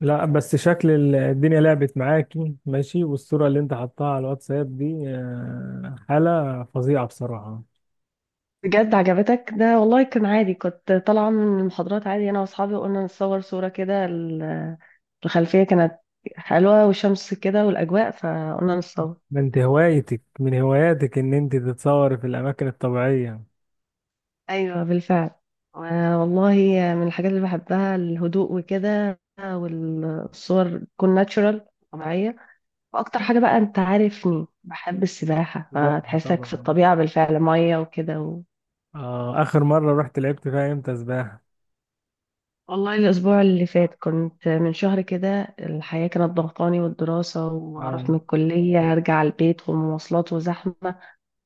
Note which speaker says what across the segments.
Speaker 1: لا بس شكل الدنيا لعبت معاكي، ماشي. والصورة اللي انت حطها على الواتساب دي حالة فظيعة بصراحة.
Speaker 2: بجد عجبتك ده؟ والله كان عادي، كنت طالعة من المحاضرات عادي أنا وأصحابي وقلنا نصور صورة كده. الخلفية كانت حلوة والشمس كده والأجواء فقلنا نصور.
Speaker 1: ده انت هوايتك من هواياتك ان انت تتصوري في الاماكن الطبيعية؟
Speaker 2: أيوة بالفعل. والله من الحاجات اللي بحبها الهدوء وكده، والصور تكون ناتشورال، طبيعية. وأكتر حاجة بقى، أنت عارفني بحب السباحة،
Speaker 1: سباحة
Speaker 2: فتحسك في
Speaker 1: طبعا.
Speaker 2: الطبيعة بالفعل، مية وكده.
Speaker 1: اخر مرة رحت لعبت فيها امتى سباحة؟
Speaker 2: والله الأسبوع اللي فات كنت، من شهر كده الحياة كانت ضغطاني والدراسة،
Speaker 1: اه،
Speaker 2: وهروح من الكلية أرجع البيت والمواصلات وزحمة.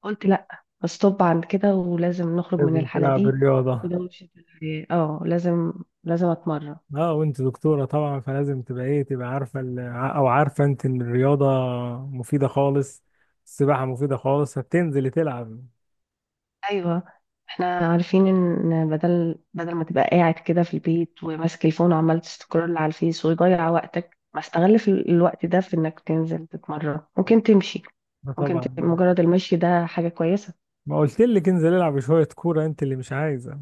Speaker 2: قلت لأ، استوب عند كده، ولازم نخرج من
Speaker 1: لازم
Speaker 2: الحالة
Speaker 1: تلعب
Speaker 2: دي.
Speaker 1: الرياضة.
Speaker 2: وده مش الحياة، اه لازم، لازم أتمرن.
Speaker 1: اه وانت دكتورة طبعا، فلازم تبقى ايه، تبقى عارفة او عارفة انت ان الرياضة مفيدة خالص. السباحة مفيدة خالص، هتنزلي تلعب.
Speaker 2: أيوة، احنا عارفين إن بدل ما تبقى قاعد كده في البيت وماسك الفون وعمال تسكرول على الفيس ويضيع وقتك، ما استغل في الوقت ده في إنك تنزل تتمرن، ممكن تمشي،
Speaker 1: اه
Speaker 2: ممكن
Speaker 1: طبعا.
Speaker 2: مجرد المشي ده حاجة كويسة.
Speaker 1: ما قلت لك انزل العب شوية كورة، انت اللي مش عايزة.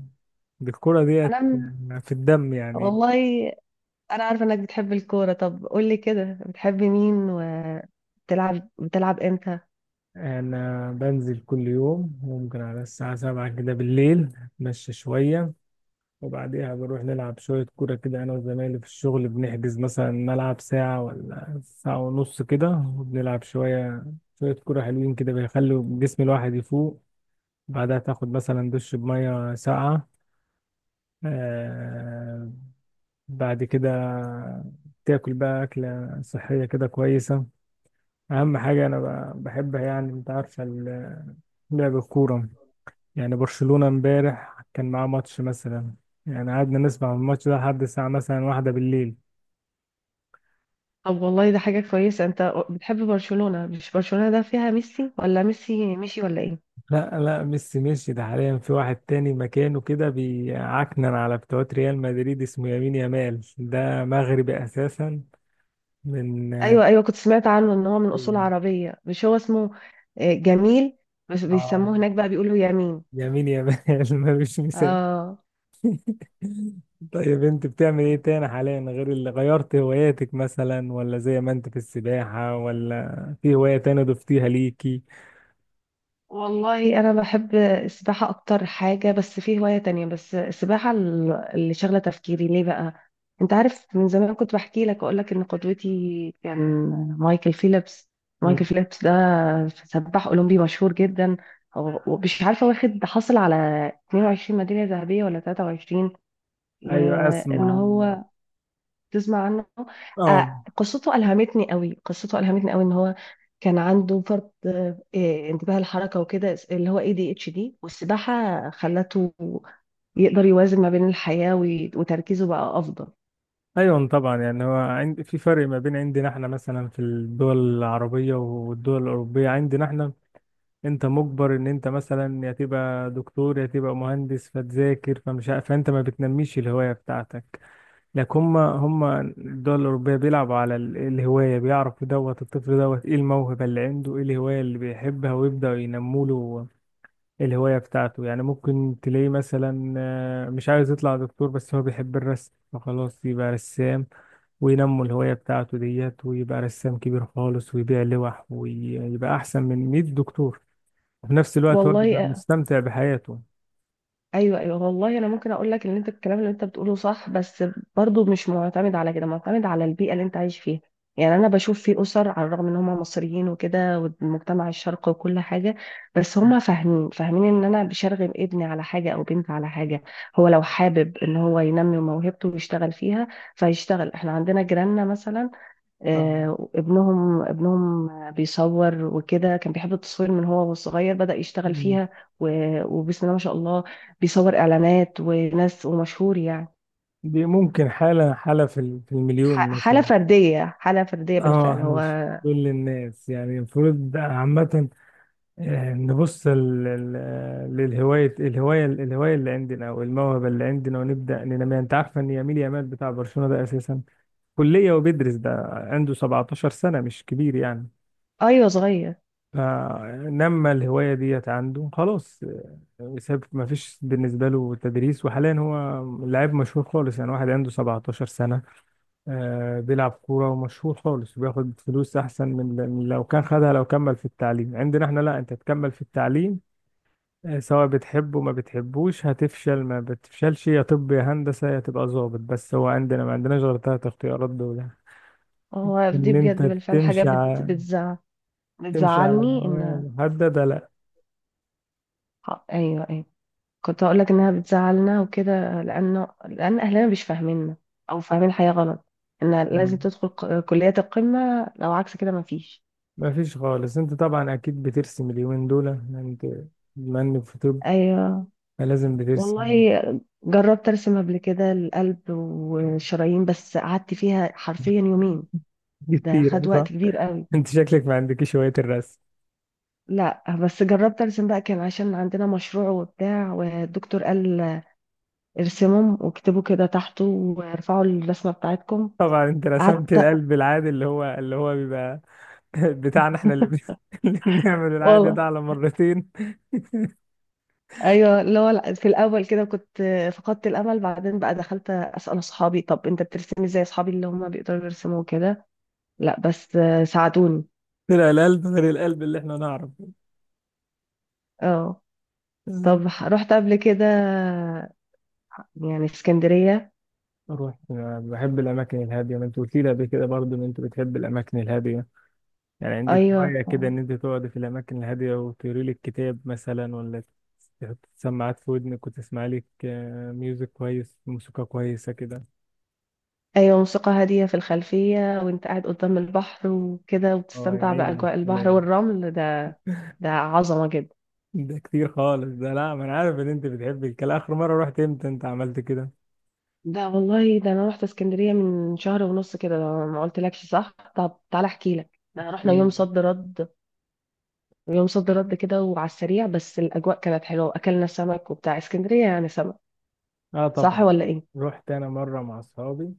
Speaker 1: دي الكورة ديت
Speaker 2: انا م-
Speaker 1: في الدم يعني.
Speaker 2: والله انا عارفه انك بتحب الكوره. طب قولي كده، بتحبي مين، وبتلعب امتى؟
Speaker 1: انا بنزل كل يوم، ممكن على الساعة 7 كده بالليل اتمشى شوية، وبعديها بروح نلعب شوية كورة كده انا وزمايلي في الشغل. بنحجز مثلا ملعب ساعة ولا ساعة ونص كده وبنلعب شوية. شوية كورة حلوين كده بيخلوا جسم الواحد يفوق. بعدها تاخد مثلا دش بمية ساقعة، آه، بعد كده تاكل بقى أكلة صحية كده كويسة. أهم حاجة أنا بحبها، يعني أنت عارفة لعب الكورة. يعني برشلونة امبارح كان معاه ماتش مثلا، يعني قعدنا نسمع الماتش ده لحد الساعة مثلا 1 بالليل.
Speaker 2: طب والله ده حاجه كويسه، انت بتحب برشلونه. مش برشلونه ده فيها ميسي؟ ولا ميسي مشي ولا ايه؟
Speaker 1: لا، لا، ميسي مشي. ده حاليا في واحد تاني مكانه كده بيعكنن على بتوع ريال مدريد، اسمه يمين يامال، ده مغربي أساسا من
Speaker 2: ايوه ايوه، كنت سمعت عنه ان هو من اصول عربيه. مش هو اسمه، آه، جميل، بس
Speaker 1: آه،
Speaker 2: بيسموه هناك بقى بيقولوا يمين.
Speaker 1: يمين يامال. ملوش مثال.
Speaker 2: اه.
Speaker 1: طيب انت بتعمل ايه تاني حاليا، غير اللي غيرت هواياتك مثلا؟ ولا زي ما انت في السباحة؟ ولا في هواية تانية ضفتيها ليكي؟
Speaker 2: والله انا بحب السباحه اكتر حاجه. بس في هوايه تانية، بس السباحه اللي شغله تفكيري ليه بقى. انت عارف من زمان كنت بحكي لك، اقول لك ان قدوتي كان مايكل فيليبس. مايكل
Speaker 1: مم.
Speaker 2: فيليبس ده سباح اولمبي مشهور جدا. ومش عارفه واخد، حصل على 22 ميداليه ذهبيه ولا 23.
Speaker 1: ايوه،
Speaker 2: وان
Speaker 1: اسمع عن.
Speaker 2: هو، تسمع عنه؟
Speaker 1: اه.
Speaker 2: آه، قصته ألهمتني قوي، قصته ألهمتني قوي. إن هو كان عنده فرط، آه إيه، انتباه الحركة وكده، اللي هو اي دي اتش دي، والسباحة خلته يقدر يوازن ما بين الحياة وتركيزه بقى أفضل.
Speaker 1: ايوه طبعا، يعني هو عند في فرق ما بين عندنا احنا مثلا في الدول العربية والدول الأوروبية. عندنا احنا انت مجبر ان انت مثلا يا تبقى دكتور يا تبقى مهندس فتذاكر، فانت ما بتنميش الهواية بتاعتك. لك هم هم الدول الأوروبية بيلعبوا على الهواية، بيعرفوا دوت الطفل، دوت ايه الموهبة اللي عنده، ايه الهواية اللي بيحبها، ويبدأوا ينموا له الهواية بتاعته. يعني ممكن تلاقيه مثلا مش عايز يطلع دكتور، بس هو بيحب الرسم، فخلاص يبقى رسام، وينموا الهواية بتاعته ديت ويبقى رسام كبير خالص ويبيع لوح ويبقى أحسن من 100 دكتور. وفي نفس الوقت هو بيبقى
Speaker 2: والله
Speaker 1: مستمتع بحياته.
Speaker 2: ايوه ايوه. والله انا ممكن اقول لك ان انت الكلام اللي انت بتقوله صح، بس برضو مش معتمد على كده، معتمد على البيئه اللي انت عايش فيها. يعني انا بشوف في اسر على الرغم ان هم مصريين وكده والمجتمع الشرقي وكل حاجه، بس هم فاهمين ان انا بشرغم ابني على حاجه او بنتي على حاجه. هو لو حابب ان هو ينمي موهبته ويشتغل فيها فيشتغل. احنا عندنا جيراننا مثلا،
Speaker 1: آه.
Speaker 2: آه، ابنهم بيصور وكده، كان بيحب التصوير من هو وصغير، بدأ يشتغل فيها. وبسم الله ما شاء الله بيصور إعلانات وناس، ومشهور يعني.
Speaker 1: دي ممكن حالة في المليون
Speaker 2: حالة
Speaker 1: مثلا.
Speaker 2: فردية، حالة فردية
Speaker 1: اه
Speaker 2: بالفعل. هو
Speaker 1: مش كل الناس يعني، المفروض عامة نبص للهواية، الهواية الهواية اللي عندنا أو الموهبة اللي عندنا، ونبدأ ننميها. أنت عارف إن يميل يامال بتاع برشلونة ده أساسا كلية وبيدرس، ده عنده 17 سنة، مش كبير يعني.
Speaker 2: أيوه صغير.
Speaker 1: فنما الهواية ديت عنده خلاص. ساب، ما فيش بالنسبة له تدريس، وحاليا هو لاعب مشهور خالص يعني. واحد عنده 17 سنة بيلعب كورة ومشهور خالص وبياخد فلوس أحسن من من لو كان خدها لو كمل في التعليم. عندنا احنا لا، أنت تكمل في التعليم سواء بتحبه ما بتحبوش، هتفشل ما بتفشلش، يا طب يا هندسة يا تبقى ظابط، بس هو عندنا ما عندناش غير تلات اختيارات دول يعني.
Speaker 2: هو دي
Speaker 1: إن أنت
Speaker 2: بجد بالفعل حاجة
Speaker 1: تمشي على
Speaker 2: بتزع،
Speaker 1: تمشي على
Speaker 2: بتزعلني
Speaker 1: نوايا
Speaker 2: إن،
Speaker 1: محددة، لا.
Speaker 2: أيوه أيوه، كنت هقول لك إنها بتزعلنا وكده، لأنه لأن أهلنا مش فاهميننا أو فاهمين الحياة غلط. إن لازم
Speaker 1: مم.
Speaker 2: تدخل كليات القمة، لو عكس كده مفيش.
Speaker 1: مفيش خالص. أنت طبعا أكيد بترسم اليومين دول، أنت بما إنك في طب
Speaker 2: ايوه.
Speaker 1: لازم بترسم.
Speaker 2: والله جربت ارسم قبل كده القلب والشرايين، بس قعدت فيها حرفيا يومين. ده خد
Speaker 1: كتير
Speaker 2: وقت
Speaker 1: صح؟
Speaker 2: كبير قوي.
Speaker 1: أنت شكلك ما عندكش هواية الرسم.
Speaker 2: لا بس جربت ارسم بقى، كان عشان عندنا مشروع وبتاع، والدكتور قال ارسمهم واكتبوا كده تحته وارفعوا الرسمه بتاعتكم.
Speaker 1: طبعا انت رسمت
Speaker 2: قعدت،
Speaker 1: القلب العادي، اللي هو بيبقى بتاعنا احنا، اللي بنعمل العادي ده
Speaker 2: والله
Speaker 1: على مرتين.
Speaker 2: ايوه، اللي هو لا، في الاول كده كنت فقدت الامل، بعدين بقى دخلت اسال اصحابي، طب انت بترسمي؟ زي اصحابي اللي هم بيقدروا يرسموا كده. لا بس ساعدوني.
Speaker 1: طلع القلب غير القلب اللي احنا نعرف.
Speaker 2: اه. طب رحت قبل كده يعني اسكندرية؟
Speaker 1: اروح. أنا بحب الاماكن الهاديه، ما انت قلت لي قبل كده برضو ان انت بتحب الاماكن الهاديه. يعني عندك
Speaker 2: أيوة.
Speaker 1: هوايه كده ان انت تقعد في الاماكن الهاديه وتقري لك كتاب مثلا، ولا تحط سماعات في ودنك وتسمع لك ميوزك كويس، موسيقى كويسه كده.
Speaker 2: أيوة، موسيقى هادية في الخلفية، وأنت قاعد قدام البحر وكده،
Speaker 1: اه يا
Speaker 2: وبتستمتع
Speaker 1: عيني على
Speaker 2: بأجواء البحر
Speaker 1: الكلام،
Speaker 2: والرمل ده. ده عظمة جدا.
Speaker 1: ده كتير خالص ده. لا، ما انا عارف ان انت بتحب الكلام. اخر مره رحت امتى انت عملت كده؟
Speaker 2: ده والله ده أنا رحت اسكندرية من شهر ونص كده. ده ما قلتلكش؟ صح، طب تعالى أحكي لك، ده رحنا يوم
Speaker 1: مم.
Speaker 2: صد رد، يوم صد رد كده، وعلى السريع، بس الأجواء كانت حلوة وأكلنا سمك، وبتاع اسكندرية يعني سمك،
Speaker 1: اه
Speaker 2: صح
Speaker 1: طبعا.
Speaker 2: ولا إيه؟
Speaker 1: رحت انا مره مع اصحابي،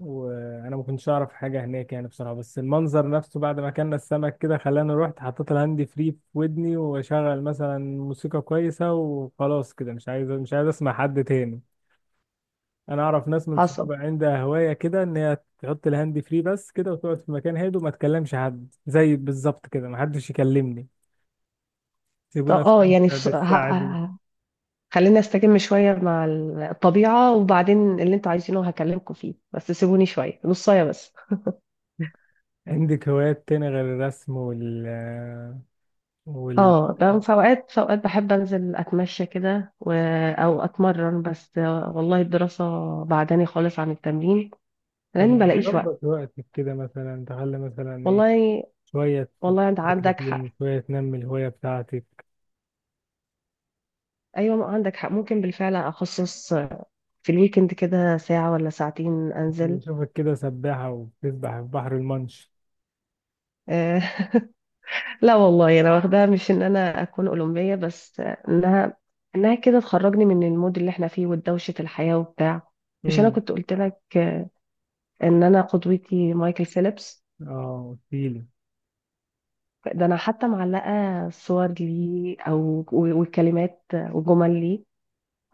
Speaker 1: وانا ما كنتش اعرف حاجه هناك يعني بصراحه، بس المنظر نفسه بعد ما اكلنا السمك كده خلاني رحت حطيت الهاند فري في ودني واشغل مثلا موسيقى كويسه، وخلاص كده مش عايز اسمع حد تاني. انا اعرف ناس من
Speaker 2: حصل.
Speaker 1: صحابي عندها هوايه كده ان هي تحط الهاند فري بس كده، وتقعد في مكان هادي وما تكلمش حد، زي بالظبط كده، ما حدش يكلمني.
Speaker 2: طب
Speaker 1: سيبونا
Speaker 2: اه يعني،
Speaker 1: استمتع بالساعة دي.
Speaker 2: خلينا استجم شوية مع الطبيعة، وبعدين اللي انتوا عايزينه هكلمكم فيه، بس سيبوني شوية نصاية بس.
Speaker 1: عندك هوايات تاني غير الرسم؟ وال وال
Speaker 2: اه بقى في اوقات، في اوقات بحب انزل اتمشى كده و… او اتمرن، بس والله الدراسة بعداني خالص عن التمرين
Speaker 1: طب
Speaker 2: لاني
Speaker 1: ما
Speaker 2: بلاقيش وقت.
Speaker 1: تظبط وقتك كده مثلا، تخلي مثلا ايه،
Speaker 2: والله.
Speaker 1: شوية
Speaker 2: والله انت
Speaker 1: تذاكر
Speaker 2: عندك
Speaker 1: فيهم
Speaker 2: حق،
Speaker 1: وشوية تنمي الهواية بتاعتك.
Speaker 2: ايوه عندك حق، ممكن بالفعل اخصص في الويكند كده ساعة ولا ساعتين
Speaker 1: أنا
Speaker 2: انزل.
Speaker 1: بشوفك كده سباحة، وبتسبح في بحر المنش.
Speaker 2: آه، لا والله انا واخداها مش ان انا اكون اولمبيه، بس انها، انها كده تخرجني من المود اللي احنا فيه ودوشه الحياه وبتاع. مش انا
Speaker 1: امم
Speaker 2: كنت قلت لك ان انا قدوتي مايكل فيليبس؟
Speaker 1: اه قلتيلي.
Speaker 2: ده انا حتى معلقه صور ليه او والكلمات وجمل ليه،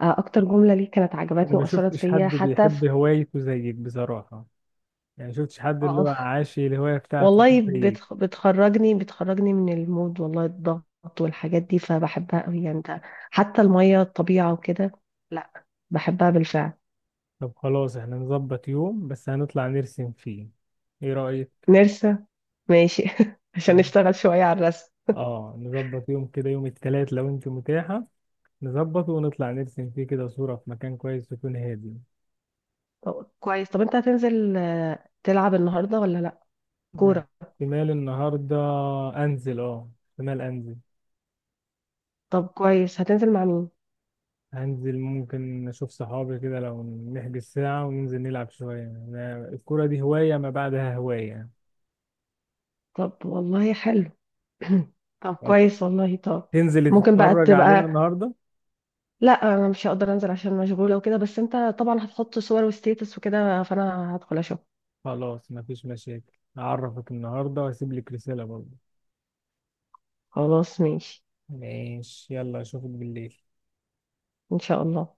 Speaker 2: آه، اكتر جمله ليه كانت
Speaker 1: أنا
Speaker 2: عجبتني
Speaker 1: ما
Speaker 2: واثرت
Speaker 1: شفتش
Speaker 2: فيا
Speaker 1: حد
Speaker 2: حتى في.
Speaker 1: بيحب هوايته زيك بصراحة، يعني ما شفتش حد اللي هو
Speaker 2: اه،
Speaker 1: عاشي الهواية بتاعته دي
Speaker 2: والله
Speaker 1: زيك.
Speaker 2: بتخرجني، بتخرجني من المود، والله الضغط والحاجات دي، فبحبها قوي يعني، ده حتى المية، الطبيعة وكده، لا، بحبها بالفعل.
Speaker 1: طب خلاص، احنا نظبط يوم بس هنطلع نرسم فيه. ايه رأيك؟
Speaker 2: نرسة، ماشي. عشان نشتغل شوية على الرسم.
Speaker 1: اه، نظبط يوم كده، يوم التلات لو انت متاحة، نظبط ونطلع نرسم فيه كده صورة في مكان كويس يكون هادي.
Speaker 2: طب كويس. طب انت هتنزل، آه، تلعب النهاردة ولا لا؟
Speaker 1: آه،
Speaker 2: كورة.
Speaker 1: احتمال النهاردة انزل. اه احتمال انزل.
Speaker 2: طب كويس، هتنزل مع مين؟
Speaker 1: هنزل، ممكن اشوف صحابي كده، لو نحجز ساعة وننزل نلعب شوية. أنا الكرة دي هواية ما بعدها هواية.
Speaker 2: طب والله حلو. طب
Speaker 1: طب
Speaker 2: كويس والله، طب،
Speaker 1: تنزلي
Speaker 2: ممكن بقى
Speaker 1: تتفرج علينا
Speaker 2: تبقى،
Speaker 1: النهاردة؟
Speaker 2: لا انا مش هقدر انزل عشان مشغولة وكده، بس انت طبعا هتحط صور وستيتس وكده، فانا هدخل اشوف.
Speaker 1: خلاص مفيش مشاكل، هعرفك النهاردة وهسيب لك رسالة برضه.
Speaker 2: خلاص ماشي.
Speaker 1: ماشي، يلا اشوفك بالليل.
Speaker 2: ان شاء الله.